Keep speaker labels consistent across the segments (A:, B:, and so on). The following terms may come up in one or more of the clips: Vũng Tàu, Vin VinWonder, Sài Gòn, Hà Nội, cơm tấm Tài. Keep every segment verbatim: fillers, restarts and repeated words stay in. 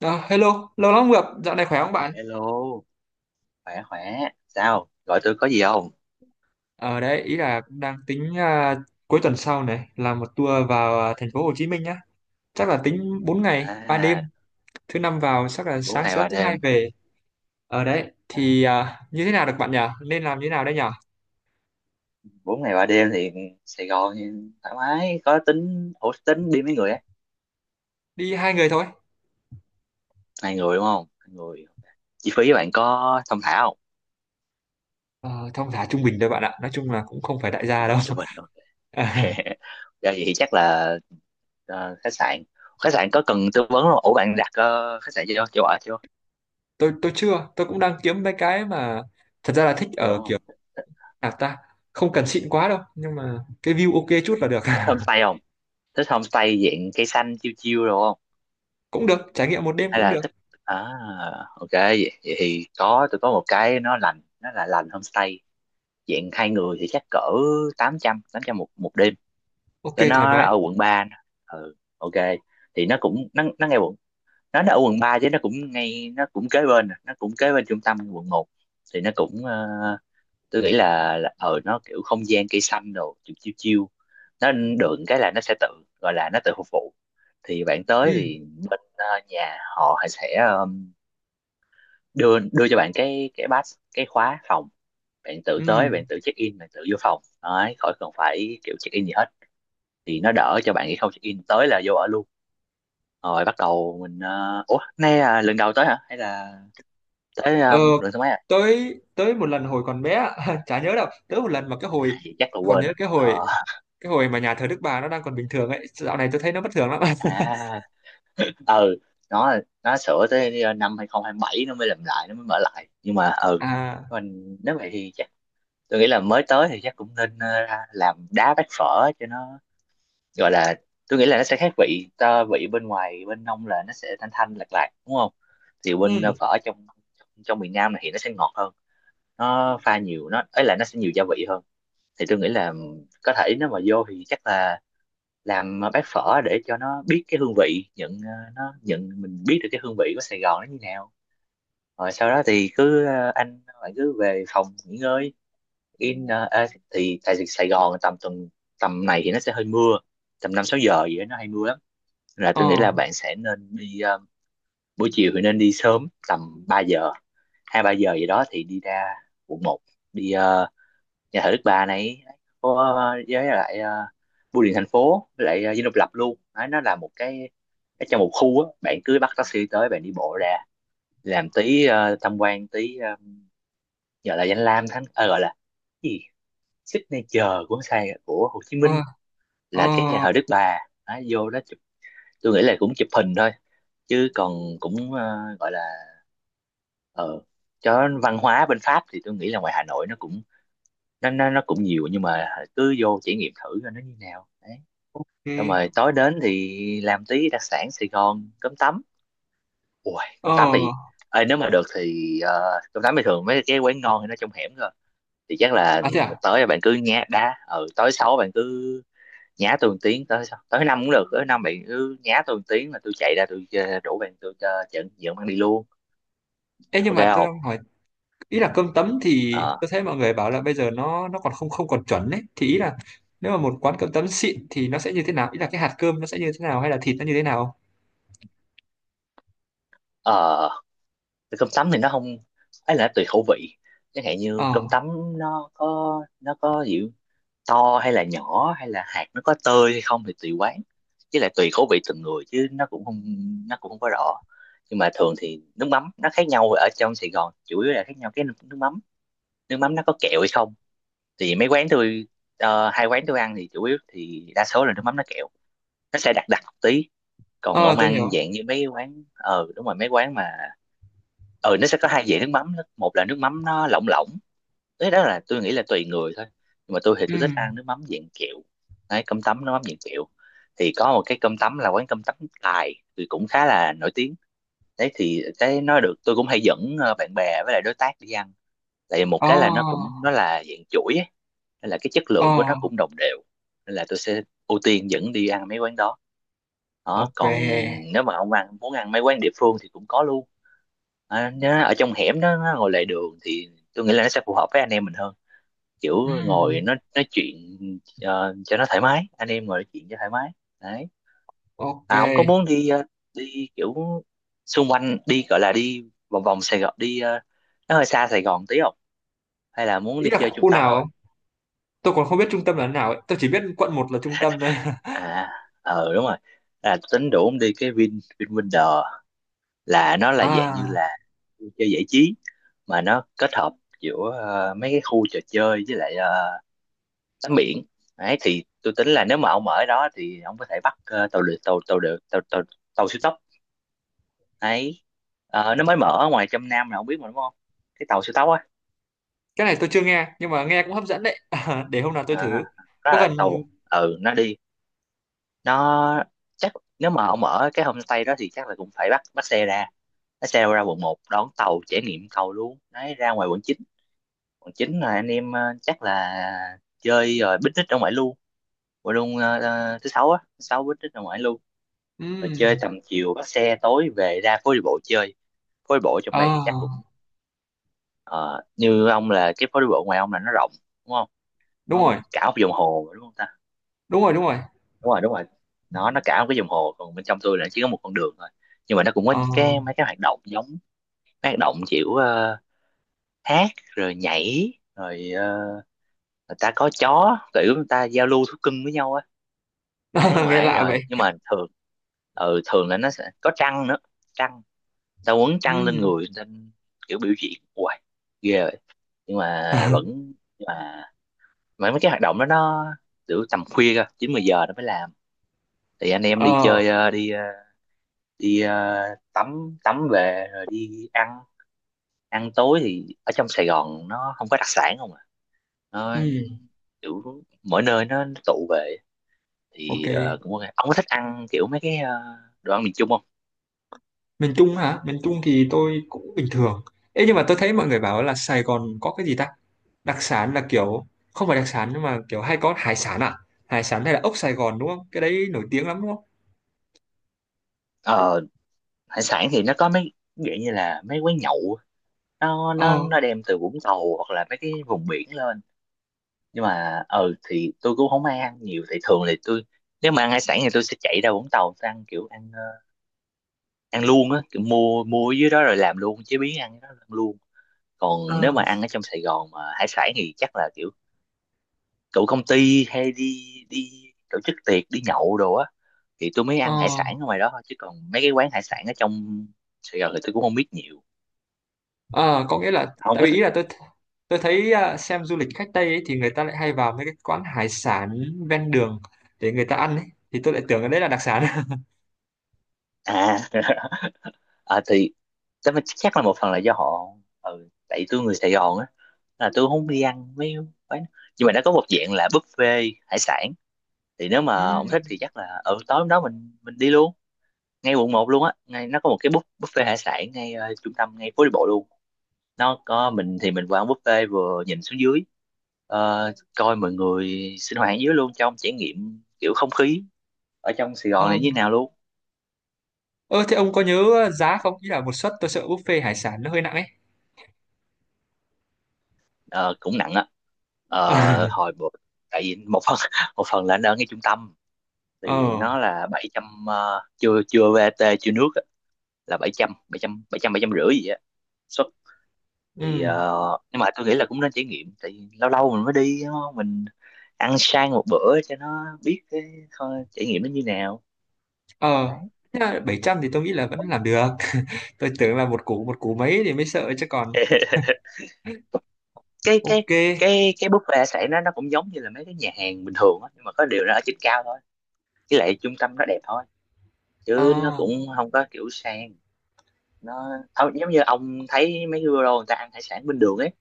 A: À, hello, lâu lắm không gặp, dạo này khỏe không bạn?
B: Hello, khỏe khỏe. Sao? Gọi tôi có gì không?
A: Ở đấy, ý là cũng đang tính à, cuối tuần sau này làm một tour vào à, thành phố Hồ Chí Minh nhá. Chắc là tính bốn ngày, ba đêm,
B: À,
A: thứ năm vào chắc là
B: bốn
A: sáng
B: ngày
A: sớm
B: ba
A: thứ hai
B: đêm.
A: về. Ở đấy
B: À,
A: thì à, như thế nào được bạn nhỉ? Nên làm như thế nào đây nhỉ?
B: bốn ngày ba đêm thì Sài Gòn thì thoải mái. Có tính, ủa tính đi mấy người á?
A: Đi hai người thôi.
B: Hai người đúng không? Hai người. Ok. Chi phí bạn có thông thả không?
A: Ờ, thong thả trung bình thôi bạn ạ. Nói chung là cũng không phải
B: À,
A: đại
B: chúng
A: gia đâu.
B: mình chúng mình. Ok. Ra
A: À,
B: vậy thì chắc là ờ, khách sạn. Khách sạn có cần tư vấn không? Ủa bạn đặt ờ, khách sạn chưa? Chưa ở chưa?
A: tôi tôi chưa, tôi cũng đang kiếm mấy cái mà thật ra là thích
B: Chưa
A: ở
B: đúng
A: kiểu
B: không? Thích, thích,
A: nào ta, không cần xịn quá đâu, nhưng mà cái view ok chút là được.
B: thích homestay không? Thích homestay dạng cây xanh chiêu chiêu rồi
A: Cũng được, trải nghiệm một đêm
B: hay
A: cũng
B: là
A: được.
B: thích à ok vậy, vậy thì có tôi có một cái nó lành nó là lành homestay dạng hai người thì chắc cỡ tám trăm tám trăm một một đêm,
A: Ok
B: tôi
A: thoải
B: nó
A: mái.
B: ở quận ba, ừ ok, thì nó cũng nó nó ngay quận, nó nó ở quận ba chứ nó cũng ngay nó cũng kế bên, à, nó cũng kế bên trung tâm quận một, thì nó cũng ờ, tôi nghĩ là, là ờ nó kiểu không gian cây xanh đồ chiêu chiêu chiêu, nó được cái là nó sẽ tự gọi là nó tự phục vụ, thì bạn
A: Ừ,
B: tới thì bên ờ, nhà họ sẽ ờ, đưa đưa cho bạn cái cái pass cái khóa phòng, bạn tự
A: ừ.
B: tới bạn tự check in bạn tự vô phòng đấy, khỏi cần phải kiểu check in gì hết, thì nó đỡ cho bạn khi không check in tới là vô ở luôn, rồi bắt đầu mình ờ, ủa nay là lần đầu tới hả hay là tới
A: Ờ,
B: ờ, lần thứ mấy à.
A: tới tới một lần hồi còn bé á, chả nhớ đâu. Tới một lần mà cái hồi
B: Thì chắc là
A: tôi còn
B: quên
A: nhớ
B: hết
A: cái hồi
B: ờ
A: cái hồi mà nhà thờ Đức Bà nó đang còn bình thường ấy. Dạo này tôi thấy nó bất thường lắm.
B: à ừ nó nó sửa tới ờ, năm hai không hai bảy nó mới làm lại nó mới mở lại, nhưng mà ừ
A: À,
B: mình nếu vậy thì chắc tôi nghĩ là mới tới thì chắc cũng nên ờ, ra làm đá bát phở cho nó gọi là, tôi nghĩ là nó sẽ khác vị ta vị bên ngoài bên nông, là nó sẽ thanh thanh lạt lạt đúng không, thì
A: ừ,
B: bên ờ, phở trong trong miền Nam này thì nó sẽ ngọt hơn, nó pha nhiều nó ấy là nó sẽ nhiều gia vị hơn, thì tôi nghĩ là có thể nếu mà vô thì chắc là làm bát phở để cho nó biết cái hương vị nhận ờ, nó nhận mình biết được cái hương vị của Sài Gòn nó như nào, rồi sau đó thì cứ ờ, anh bạn cứ về phòng nghỉ ngơi, in ờ, à, thì tại Sài Gòn tầm tuần tầm này thì nó sẽ hơi mưa, tầm năm sáu giờ gì đó nó hay mưa lắm, là
A: ờ,
B: tôi nghĩ là bạn sẽ nên đi ờ, buổi chiều thì nên đi sớm tầm ba giờ, hai ba giờ gì đó thì đi ra quận một, đi ờ, nhà thờ Đức Bà này có ờ, với lại ờ, bưu điện thành phố, với lại ờ, Dinh Độc Lập luôn. Đấy, nó là một cái, cái trong một khu á, bạn cứ bắt taxi tới bạn đi bộ ra làm tí ờ, tham quan tí ờ, gọi là danh lam thắng ờ, gọi là cái gì, signature của Sài của Hồ Chí
A: ờ,
B: Minh
A: ờ,
B: là cái nhà thờ Đức Bà. Đấy, vô đó chụp, tôi nghĩ là cũng chụp hình thôi chứ còn cũng ờ, gọi là ờ cho văn hóa bên Pháp thì tôi nghĩ là ngoài Hà Nội nó cũng nó nó nó cũng nhiều, nhưng mà cứ vô trải nghiệm thử coi nó như nào đấy. Xong
A: ok,
B: rồi tối đến thì làm tí đặc sản Sài Gòn cơm tấm, ui
A: ờ.
B: cơm tấm thì ơi nếu mà được thì ờ, cơm tấm thì thường mấy cái quán ngon thì nó trong hẻm rồi, thì chắc là
A: À thế à?
B: tới là bạn cứ nhá đá ừ tới sáu bạn cứ nhá tôi một tiếng tới sao tới năm cũng được, tới năm bạn cứ nhá tôi một tiếng là tôi chạy ra tôi ờ, rủ bạn tôi uh, dẫn dẫn bạn đi luôn,
A: Ê, nhưng
B: ok
A: mà tôi
B: không.
A: đang hỏi ý là cơm tấm thì
B: ờ
A: tôi thấy mọi người bảo là bây giờ nó nó còn không không còn chuẩn ấy. Thì ý là nếu mà một quán cơm tấm xịn thì nó sẽ như thế nào? Ý là cái hạt cơm nó sẽ như thế nào hay là thịt nó như thế nào?
B: ờ Thì cơm tấm thì nó không ấy là nó tùy khẩu vị, chẳng hạn như cơm
A: Ờ,
B: tấm nó có nó có kiểu to hay là nhỏ, hay là hạt nó có tơi hay không thì tùy quán, chứ lại tùy khẩu vị từng người, chứ nó cũng không nó cũng không có rõ. Nhưng mà thường thì nước mắm nó khác nhau, ở trong Sài Gòn chủ yếu là khác nhau cái nước nước mắm nước mắm nó có kẹo hay không, thì mấy quán tôi ờ, hai quán tôi ăn thì chủ yếu thì đa số là nước mắm nó kẹo, nó sẽ đặc đặc một tí. Còn
A: ờ
B: ông
A: tôi hiểu.
B: ăn dạng như mấy quán ờ đúng rồi mấy quán mà ừ nó sẽ có hai dạng nước mắm đó. Một là nước mắm nó lỏng lỏng, đấy đó là tôi nghĩ là tùy người thôi, nhưng mà tôi thì
A: Ừ.
B: tôi thích ăn nước mắm dạng kẹo, đấy cơm tấm nước mắm dạng kẹo, thì có một cái cơm tấm là quán cơm tấm Tài thì cũng khá là nổi tiếng. Đấy thì cái nó được tôi cũng hay dẫn ờ, bạn bè với lại đối tác đi ăn, tại vì một
A: Ờ,
B: cái là nó cũng nó là dạng chuỗi ấy, nên là cái chất
A: ờ,
B: lượng của nó cũng đồng đều, nên là tôi sẽ ưu tiên dẫn đi ăn mấy quán đó. Đó còn
A: ok.
B: nếu mà ông ăn muốn ăn mấy quán địa phương thì cũng có luôn, à, nó ở trong hẻm đó nó ngồi lề đường thì tôi nghĩ là nó sẽ phù hợp với anh em mình hơn, kiểu
A: Ừm,
B: ngồi nó nói chuyện ờ, cho nó thoải mái, anh em ngồi nói chuyện cho thoải mái đấy.
A: ok.
B: À ông có muốn đi ờ, đi kiểu xung quanh đi gọi là đi vòng vòng Sài Gòn, đi ờ, nó hơi xa Sài Gòn tí không, hay là muốn
A: Ý
B: đi
A: là
B: chơi trung
A: khu
B: tâm
A: nào
B: không.
A: không? Tôi còn không biết trung tâm là nào ấy. Tôi chỉ biết quận một là trung tâm thôi.
B: À ờ đúng rồi là tính đủ ông đi cái Vin VinWonder, là nó là dạng như
A: À,
B: là vui chơi giải trí mà nó kết hợp giữa ờ, mấy cái khu trò chơi với lại ờ, tắm biển. Đấy thì tôi tính là nếu mà ông ở đó thì ông có thể bắt ờ, tàu lượt tàu tàu được tàu tàu, tàu siêu tốc đấy. Ờ, nó mới mở ở ngoài trong Nam là ông biết mà đúng không, cái tàu siêu tốc á.
A: cái này tôi chưa nghe, nhưng mà nghe cũng hấp dẫn đấy. À, để hôm nào tôi thử.
B: À, đó
A: Có
B: là
A: cần...
B: tàu ừ nó đi nó chắc nếu mà ông ở cái homestay đó thì chắc là cũng phải bắt bắt xe ra, bắt xe ra quận một đón tàu trải nghiệm tàu luôn đấy, ra ngoài quận chín, quận chín là anh em ờ, chắc là chơi rồi picnic ở ngoài luôn, ngoài luôn ờ, ờ, thứ sáu á thứ sáu picnic ở ngoài luôn, rồi chơi
A: ừm,
B: tầm chiều bắt xe tối về ra phố đi bộ chơi. Phố đi bộ trong
A: ờ,
B: đây thì chắc cũng ờ, như ông là cái phố đi bộ ngoài ông là nó rộng đúng không,
A: đúng
B: nó mà
A: rồi,
B: cả một vòng hồ mà, đúng không ta.
A: đúng rồi, đúng rồi.
B: Đúng rồi đúng rồi, nó nó cả một cái vòng hồ, còn bên trong tôi là chỉ có một con đường thôi, nhưng mà nó cũng có
A: Ờ,
B: những cái mấy cái hoạt động giống mấy hoạt động kiểu ờ, hát rồi nhảy rồi ờ, người ta có chó kiểu người ta giao lưu thú cưng với nhau á, đấy
A: nghe
B: ngoài ấy.
A: lạ vậy.
B: Rồi nhưng mà thường ừ thường là nó sẽ có trăng nữa, trăng ta quấn chăn lên
A: Ừm,
B: người nên kiểu biểu diễn hoài ghê rồi, nhưng mà vẫn nhưng mà mà mấy cái hoạt động đó nó kiểu tầm khuya cơ chín mười giờ nó mới làm, thì anh em đi
A: ờ,
B: chơi ờ, đi ờ, đi ờ, tắm tắm về rồi đi ăn. Ăn tối thì ở trong Sài Gòn nó không có đặc sản không à, nó
A: ừm,
B: kiểu mỗi nơi nó, nó tụ về,
A: ok.
B: thì ờ, cũng ok, ông có thích ăn kiểu mấy cái ờ, đồ ăn miền Trung không.
A: Miền Trung hả? Miền Trung thì tôi cũng bình thường. Ê nhưng mà tôi thấy mọi người bảo là Sài Gòn có cái gì ta, đặc sản là kiểu không phải đặc sản nhưng mà kiểu hay có hải sản à? Hải sản hay là ốc Sài Gòn đúng không? Cái đấy nổi tiếng lắm đúng không?
B: Ờ hải sản thì nó có mấy dạng như là mấy quán nhậu á. nó
A: Ờ,
B: nó nó đem từ Vũng Tàu hoặc là mấy cái vùng biển lên, nhưng mà ừ thì tôi cũng không ai ăn nhiều, thì thường thì tôi nếu mà ăn hải sản thì tôi sẽ chạy ra Vũng Tàu tôi ăn kiểu ăn ờ, ăn luôn á, kiểu mua mua ở dưới đó rồi làm luôn chế biến ăn cái đó ăn luôn. Còn nếu
A: ờ,
B: mà ăn ở trong Sài Gòn mà hải sản thì chắc là kiểu tụ công ty hay đi đi tổ chức tiệc đi nhậu đồ á, thì tôi mới
A: ờ,
B: ăn hải sản ở ngoài đó thôi, chứ còn mấy cái quán hải sản ở trong Sài Gòn thì tôi cũng không biết nhiều,
A: ờ có nghĩa là
B: không
A: tại
B: có
A: vì ý là tôi tôi thấy à, xem du lịch khách Tây ấy, thì người ta lại hay vào mấy cái quán hải sản ven đường để người ta ăn ấy, thì tôi lại tưởng cái đấy là đặc sản.
B: à. À thì chắc chắc là một phần là do họ ừ, tại tôi người Sài Gòn á, là tôi không đi ăn mấy quán, nhưng mà nó có một dạng là buffet hải sản, thì nếu
A: Ừ.
B: mà ông thích thì chắc là ở tối hôm đó mình mình đi luôn, ngay quận một luôn á, ngay nó có một cái bu- buffet hải sản ngay ờ, trung tâm ngay phố đi bộ luôn. Nó có mình thì mình qua ăn buffet vừa nhìn xuống dưới ờ, coi mọi người sinh hoạt dưới luôn cho ông trải nghiệm kiểu không khí ở trong Sài
A: Ờ,
B: Gòn này như thế nào luôn.
A: ơ, thế ông có nhớ giá không? Ý là một suất tôi sợ buffet hải sản nó hơi nặng ấy.
B: Ờ, cũng nặng á. Ờ, hồi bữa- tại vì một phần một phần là anh ở ngay trung tâm, thì
A: Ờ.
B: nó là bảy trăm ờ, chưa chưa vê a tê chưa nước á, là bảy trăm bảy trăm bảy trăm bảy trăm rưỡi gì á suất. Thì
A: Ừ,
B: ờ, nhưng mà tôi nghĩ là cũng nên trải nghiệm, tại vì lâu lâu mình mới đi đúng không? Mình ăn sang một bữa cho nó biết cái kho- trải nghiệm nó như nào
A: ờ,
B: đấy.
A: thế là bảy trăm thì tôi nghĩ là vẫn làm được. Tôi tưởng là một củ một củ mấy thì mới sợ chứ còn
B: cái
A: ok.
B: cái cái cái buffet sẽ nó nó cũng giống như là mấy cái nhà hàng bình thường á, nhưng mà có điều nó ở trên cao thôi, với lại trung tâm nó đẹp thôi, chứ nó
A: À,
B: cũng không có kiểu sang nó thôi, giống như ông thấy mấy cái bureau người ta ăn hải sản bên đường ấy,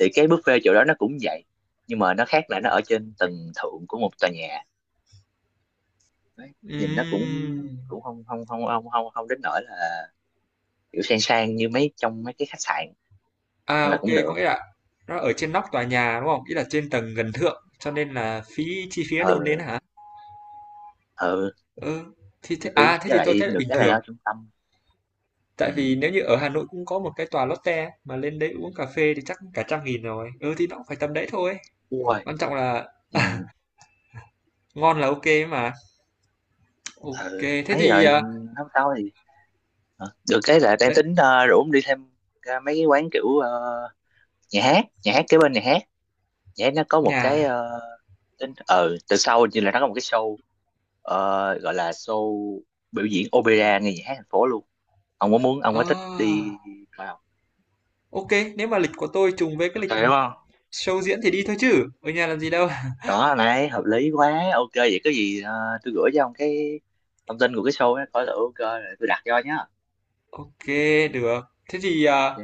B: thì cái buffet chỗ đó nó cũng vậy, nhưng mà nó khác là nó ở trên tầng thượng của một tòa nhà. Đấy. Nhìn nó cũng
A: ừm,
B: cũng không không không không không không đến nỗi là kiểu sang sang như mấy trong mấy cái khách sạn,
A: à
B: nên là
A: ok
B: cũng
A: có
B: được.
A: nghĩa là nó ở trên nóc tòa nhà đúng không? Ý là trên tầng gần thượng cho nên là phí chi phí nó đội lên
B: Ừ
A: hả?
B: ừ
A: Ừ thì
B: chi
A: thế,
B: phí
A: à thế
B: với
A: thì tôi
B: lại
A: thấy là
B: được
A: bình
B: cái là nó
A: thường,
B: ở trung tâm.
A: tại vì
B: Ừ
A: nếu như ở Hà Nội cũng có một cái tòa Lotte mà lên đấy uống cà phê thì chắc cả trăm nghìn rồi, ừ thì nó cũng phải tầm đấy thôi.
B: ui
A: Quan trọng là
B: ừ
A: ngon là ok mà. Ok
B: ừ
A: thế
B: mấy
A: thì
B: rồi
A: à,
B: nói sau thì. Hả? Được cái là đang
A: đấy,
B: tính ờ, rủ ông đi thêm ra mấy cái quán kiểu ờ, nhà hát nhà hát kế bên nhà hát nhé, nó có một cái
A: nhà.
B: ờ, tính ờ từ sau như là nó có một cái show ờ, gọi là show biểu diễn opera nghe nhạc hát thành phố luôn, ông có muốn ông có thích
A: À,
B: đi vào,
A: ok, nếu mà lịch của tôi trùng với cái
B: ok đúng
A: lịch
B: không.
A: show diễn thì đi thôi chứ, ở nhà làm gì đâu.
B: Đó này hợp lý quá ok vậy có gì ờ, tôi gửi cho ông cái thông tin của cái show ấy coi thử ok rồi tôi đặt cho nhá ok.
A: Ok, được. Thế thì à,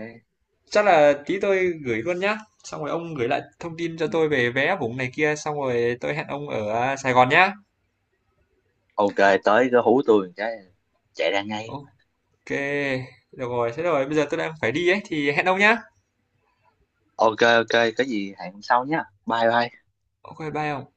A: chắc là tí tôi gửi luôn nhá. Xong rồi ông gửi lại thông tin cho
B: Ừ.
A: tôi về vé vùng này kia, xong rồi tôi hẹn ông ở à, Sài Gòn nhá.
B: Ok, tới cứ hú tôi một cái chạy ra ngay.
A: Ok, được rồi, thế rồi, bây giờ tôi đang phải đi ấy, thì hẹn ông nhá.
B: Ok ok có gì hẹn hôm sau nhé, bye bye.
A: Ok, bye ông.